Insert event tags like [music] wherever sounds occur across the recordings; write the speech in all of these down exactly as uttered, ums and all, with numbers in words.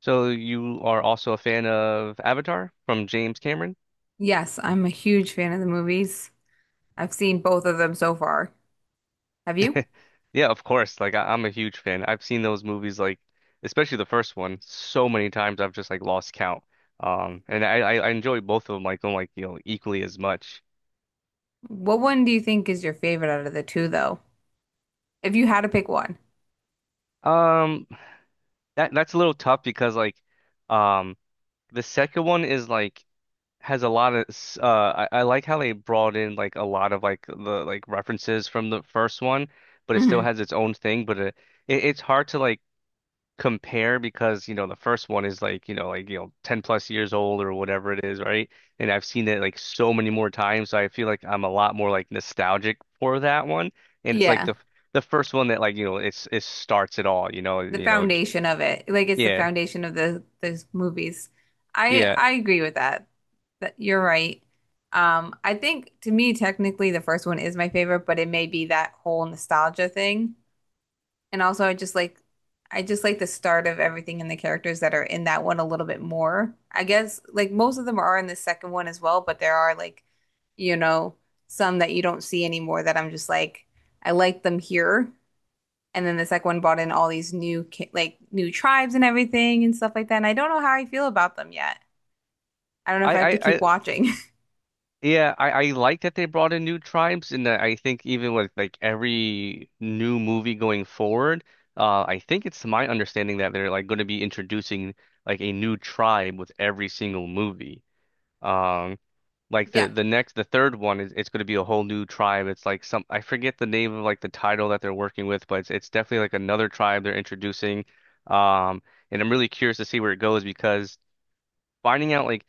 So you are also a fan of Avatar from James Cameron? Yes, I'm a huge fan of the movies. I've seen both of them so far. Have you? [laughs] Yeah, of course. Like I, I'm a huge fan. I've seen those movies like especially the first one so many times I've just like lost count. Um and I I I enjoy both of them like on like you know equally as much. What one do you think is your favorite out of the two, though? If you had to pick one. Um that that's a little tough because like um the second one is like has a lot of s- uh I, I like how they brought in like a lot of like the like references from the first one, but it still hmm has its own thing, but it, it it's hard to like compare because you know the first one is like you know like you know 10 plus years old or whatever it is, right? And I've seen it like so many more times, so I feel like I'm a lot more like nostalgic for that one. And it's like Yeah, the the first one that like you know it's it starts it all you know the you know j- foundation of it. Like it's the yeah, foundation of the those movies. I yeah. I agree with that. That you're right. Um, I think to me, technically, the first one is my favorite, but it may be that whole nostalgia thing. And also I just like I just like the start of everything and the characters that are in that one a little bit more. I guess like most of them are in the second one as well, but there are like, you know, some that you don't see anymore that I'm just like, I like them here. And then the second one brought in all these new ki- like new tribes and everything and stuff like that. And I don't know how I feel about them yet. I don't know if I have to I keep I watching. [laughs] Yeah, I, I like that they brought in new tribes, and I think even with like every new movie going forward, uh, I think it's my understanding that they're like going to be introducing like a new tribe with every single movie. Um, like the Yeah. the next the third one is it's going to be a whole new tribe. It's like some I forget the name of like the title that they're working with, but it's it's definitely like another tribe they're introducing. Um, and I'm really curious to see where it goes because finding out like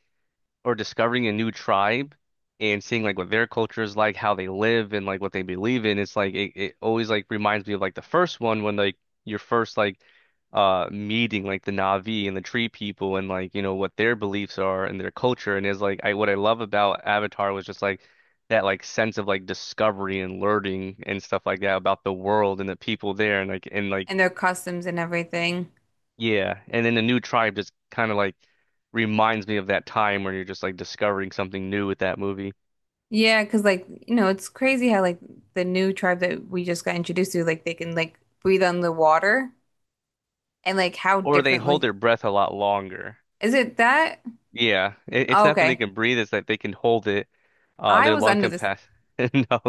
or discovering a new tribe and seeing like what their culture is like, how they live and like what they believe in, it's like it, it always like reminds me of like the first one when like your first like uh meeting like the Na'vi and the tree people and like you know what their beliefs are and their culture and is like, I what I love about Avatar was just like that like sense of like discovery and learning and stuff like that about the world and the people there and like and like. And their customs and everything. Yeah, and then the new tribe just kind of like reminds me of that time where you're just like discovering something new with that movie. Yeah, because like, you know, it's crazy how like the new tribe that we just got introduced to, like they can like breathe on the water and like how Or they hold differently their breath a lot longer. is it that? Yeah, it, it's Oh, not that they okay. can breathe; it's that they can hold it. Uh, I Their was lung under this. capacity. [laughs] No,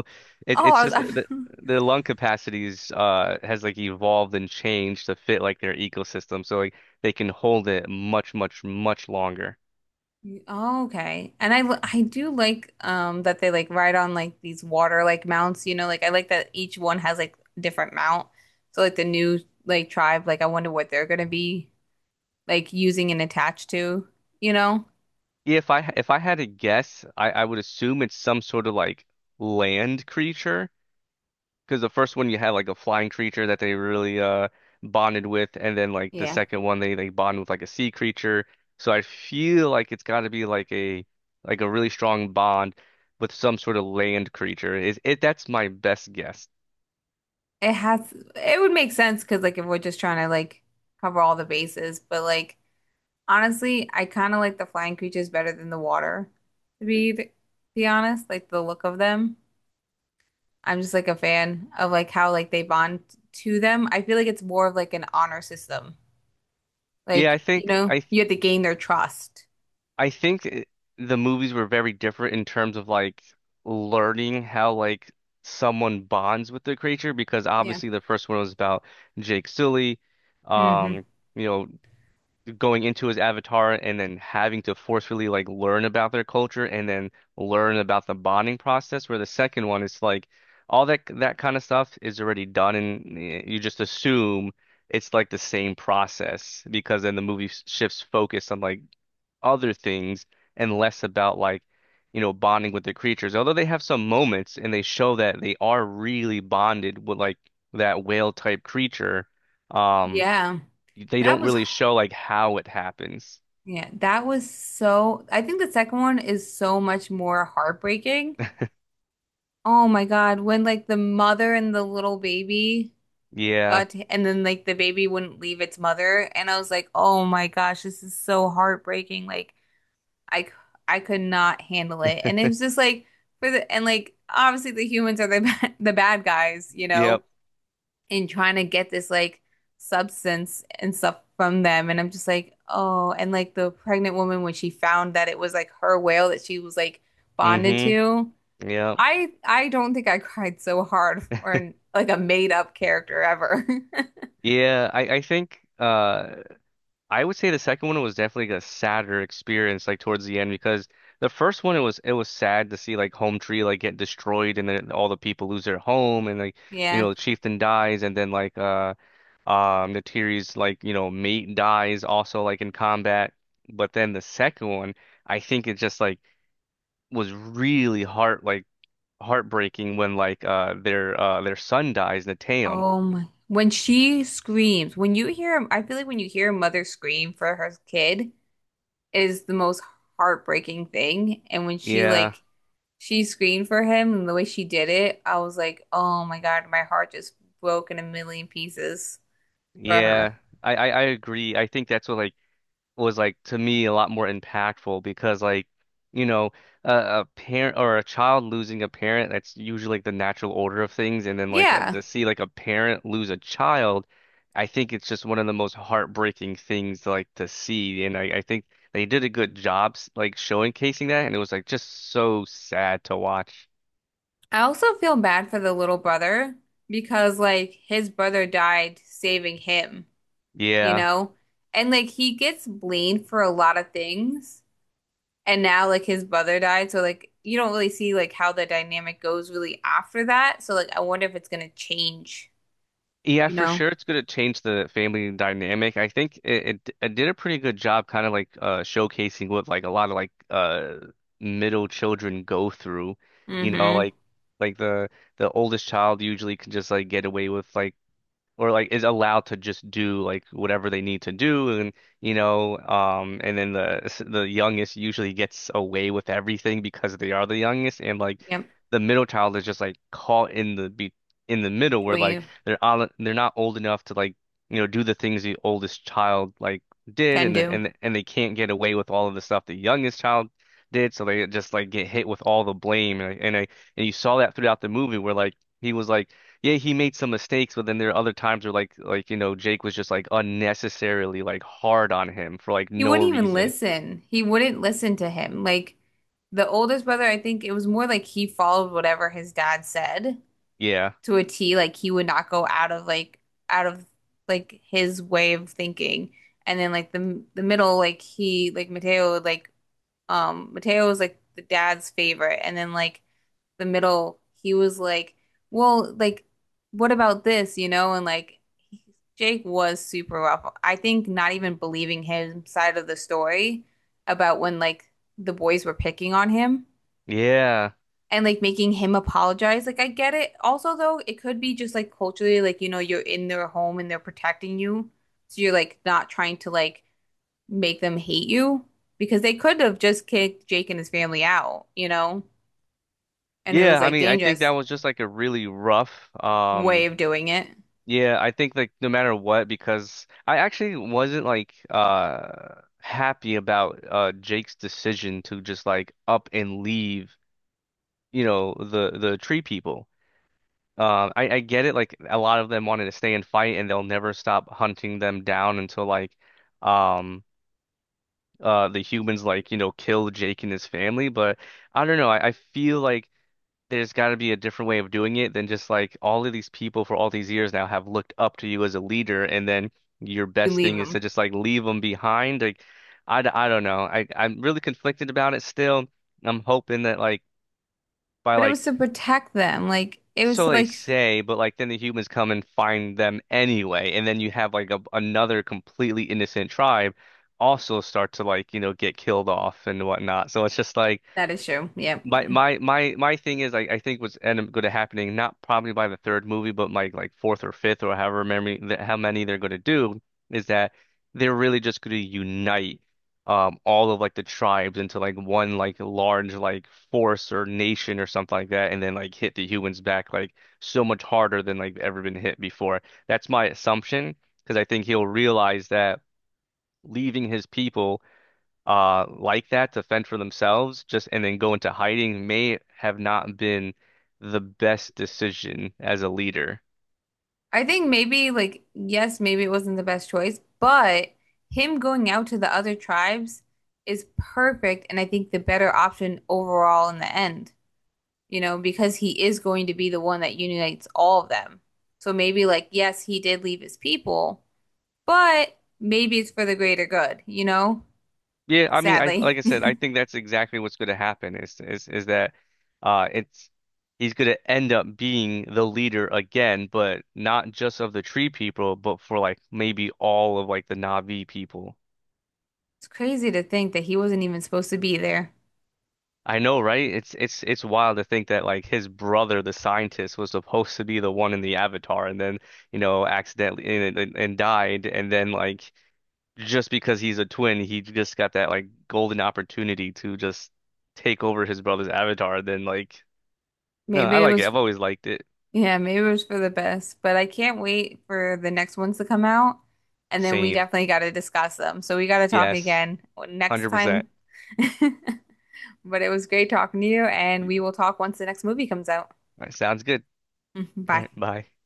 it, Oh, it's I was just that the, under... their lung capacities uh has like evolved and changed to fit like their ecosystem, so like they can hold it much, much, much longer. [laughs] Oh, okay. And I li- I do like um that they like ride on like these water like mounts, you know, like I like that each one has like different mount. So like the new like tribe, like I wonder what they're gonna be like using and attached to, you know? If I if I had to guess, I I would assume it's some sort of like land creature. Because the first one you had like a flying creature that they really uh bonded with, and then like the Yeah. second one they they bond with like a sea creature. So I feel like it's got to be like a like a really strong bond with some sort of land creature. Is it? That's my best guess. It has, it would make sense because, like, if we're just trying to, like, cover all the bases, but, like, honestly, I kind of like the flying creatures better than the water, to be, to be honest, like, the look of them. I'm just, like, a fan of, like, how, like, they bond to them. I feel like it's more of, like, an honor system. Yeah, I Like, you think know, I th- you have to gain their trust. I think it, the movies were very different in terms of like learning how like someone bonds with the creature because Yeah. obviously the first one was about Jake Sully, hmm um, you know, going into his avatar and then having to forcefully like learn about their culture and then learn about the bonding process where the second one is like all that that kind of stuff is already done and eh, you just assume it's like the same process because then the movie s- shifts focus on like other things and less about like you know bonding with the creatures, although they have some moments and they show that they are really bonded with like that whale type creature. um Yeah. they That don't was, really show like how it happens. yeah, that was so, I think the second one is so much more heartbreaking. Oh my God, when like the mother and the little baby Yeah. got and then like the baby wouldn't leave its mother and I was like, "Oh my gosh, this is so heartbreaking." Like I c- I could not handle it. And it [laughs] was just like for the and like obviously the humans are the [laughs] ba- the bad guys, you Yep. know, in trying to get this like substance and stuff from them and I'm just like, "Oh." And like the pregnant woman when she found that it was like her whale that she was like bonded Mm-hmm. to. Yep. I I don't think I cried so hard for an, like a made up character ever. [laughs] Yeah, I, I think, uh I would say the second one was definitely a sadder experience like towards the end because the first one it was it was sad to see like Home Tree like get destroyed and then all the people lose their home and like you Yeah. know the chieftain dies and then like uh um the Tiri's like you know mate dies also like in combat. But then the second one I think it just like was really heart like heartbreaking when like uh their uh their son dies, Nateum. Oh my. When she screams, when you hear, I feel like when you hear a mother scream for her kid is the most heartbreaking thing. And when she Yeah, like she screamed for him and the way she did it, I was like, oh my God, my heart just broke in a million pieces for her. yeah. I, I I agree. I think that's what like was like to me a lot more impactful because like you know a, a parent or a child losing a parent, that's usually like the natural order of things, and then like uh, Yeah. to see like a parent lose a child, I think it's just one of the most heartbreaking things like to see, and I I think they did a good job s- like showcasing that, and it was like just so sad to watch. I also feel bad for the little brother because like his brother died saving him. You Yeah. know? And like he gets blamed for a lot of things. And now like his brother died, so like you don't really see like how the dynamic goes really after that. So like I wonder if it's gonna change, Yeah, you for know? sure, it's going to change the family dynamic. I think it, it it did a pretty good job, kind of like uh, showcasing what like a lot of like uh middle children go through. You know, Mm-hmm. like like the the oldest child usually can just like get away with like or like is allowed to just do like whatever they need to do, and you know um and then the the youngest usually gets away with everything because they are the youngest, and like Yep. the middle child is just like caught in the be in the middle where like Between they're on they're not old enough to like you know do the things the oldest child like did, can and the- do. and and they can't get away with all of the stuff the youngest child did, so they just like get hit with all the blame and and, I, and you saw that throughout the movie where like he was like yeah, he made some mistakes, but then there are other times where like like you know Jake was just like unnecessarily like hard on him for like He no wouldn't even reason. listen. He wouldn't listen to him. Like the oldest brother, I think it was more like he followed whatever his dad said Yeah. to a T. Like he would not go out of like out of like his way of thinking. And then like the the middle, like he like Mateo would, like um Mateo was like the dad's favorite. And then like the middle, he was like, well, like what about this, you know? And like Jake was super rough. I think not even believing his side of the story about when like the boys were picking on him Yeah. and like making him apologize. Like I get it. Also though, it could be just like culturally, like you know, you're in their home and they're protecting you. So you're like not trying to like make them hate you because they could have just kicked Jake and his family out, you know? And it Yeah, was I like mean, I think that dangerous was just like a really rough. way um of doing it. Yeah, I think like no matter what because I actually wasn't like uh happy about uh Jake's decision to just like up and leave, you know, the the tree people. Um, I, I get it. Like a lot of them wanted to stay and fight, and they'll never stop hunting them down until like, um, uh, the humans like you know kill Jake and his family. But I don't know. I, I feel like there's got to be a different way of doing it than just like all of these people for all these years now have looked up to you as a leader, and then your You best leave thing is to him. just like leave them behind. Like, I, d- I don't know. I I'm really conflicted about it still. I'm hoping that like by But it like. was to protect them. Like it was So to they like say, but like then the humans come and find them anyway, and then you have like a, another completely innocent tribe also start to like, you know, get killed off and whatnot. So it's just like that is true. Yeah, my my my my thing is I, I think what's end up going to happening not probably by the third movie but my like fourth or fifth or however many th- how many they're going to do is that they're really just going to unite um all of like the tribes into like one like large like force or nation or something like that and then like hit the humans back like so much harder than like ever been hit before. That's my assumption because I think he'll realize that leaving his people uh like that to fend for themselves just and then go into hiding may have not been the best decision as a leader. I think maybe like yes, maybe it wasn't the best choice, but him going out to the other tribes is perfect and I think the better option overall in the end, you know, because he is going to be the one that unites all of them. So maybe like yes, he did leave his people, but maybe it's for the greater good, you know? Yeah, I mean, I like Sadly. I [laughs] said, I think that's exactly what's going to happen is is is that uh it's he's going to end up being the leader again, but not just of the tree people, but for like maybe all of like the Na'vi people. It's crazy to think that he wasn't even supposed to be there. I know, right? It's it's it's wild to think that like his brother, the scientist, was supposed to be the one in the Avatar, and then you know accidentally and, and, and died, and then like just because he's a twin, he just got that like golden opportunity to just take over his brother's Avatar. Then like. No, I Maybe it like it. was I've always liked it. yeah, maybe it was for the best, but I can't wait for the next ones to come out. And then we Same. definitely got to discuss them. So we got to talk Yes, again next one hundred percent. time. [laughs] But it was great talking to you, and All we will talk once the next movie comes out. right, sounds good. [laughs] All Bye. right, bye.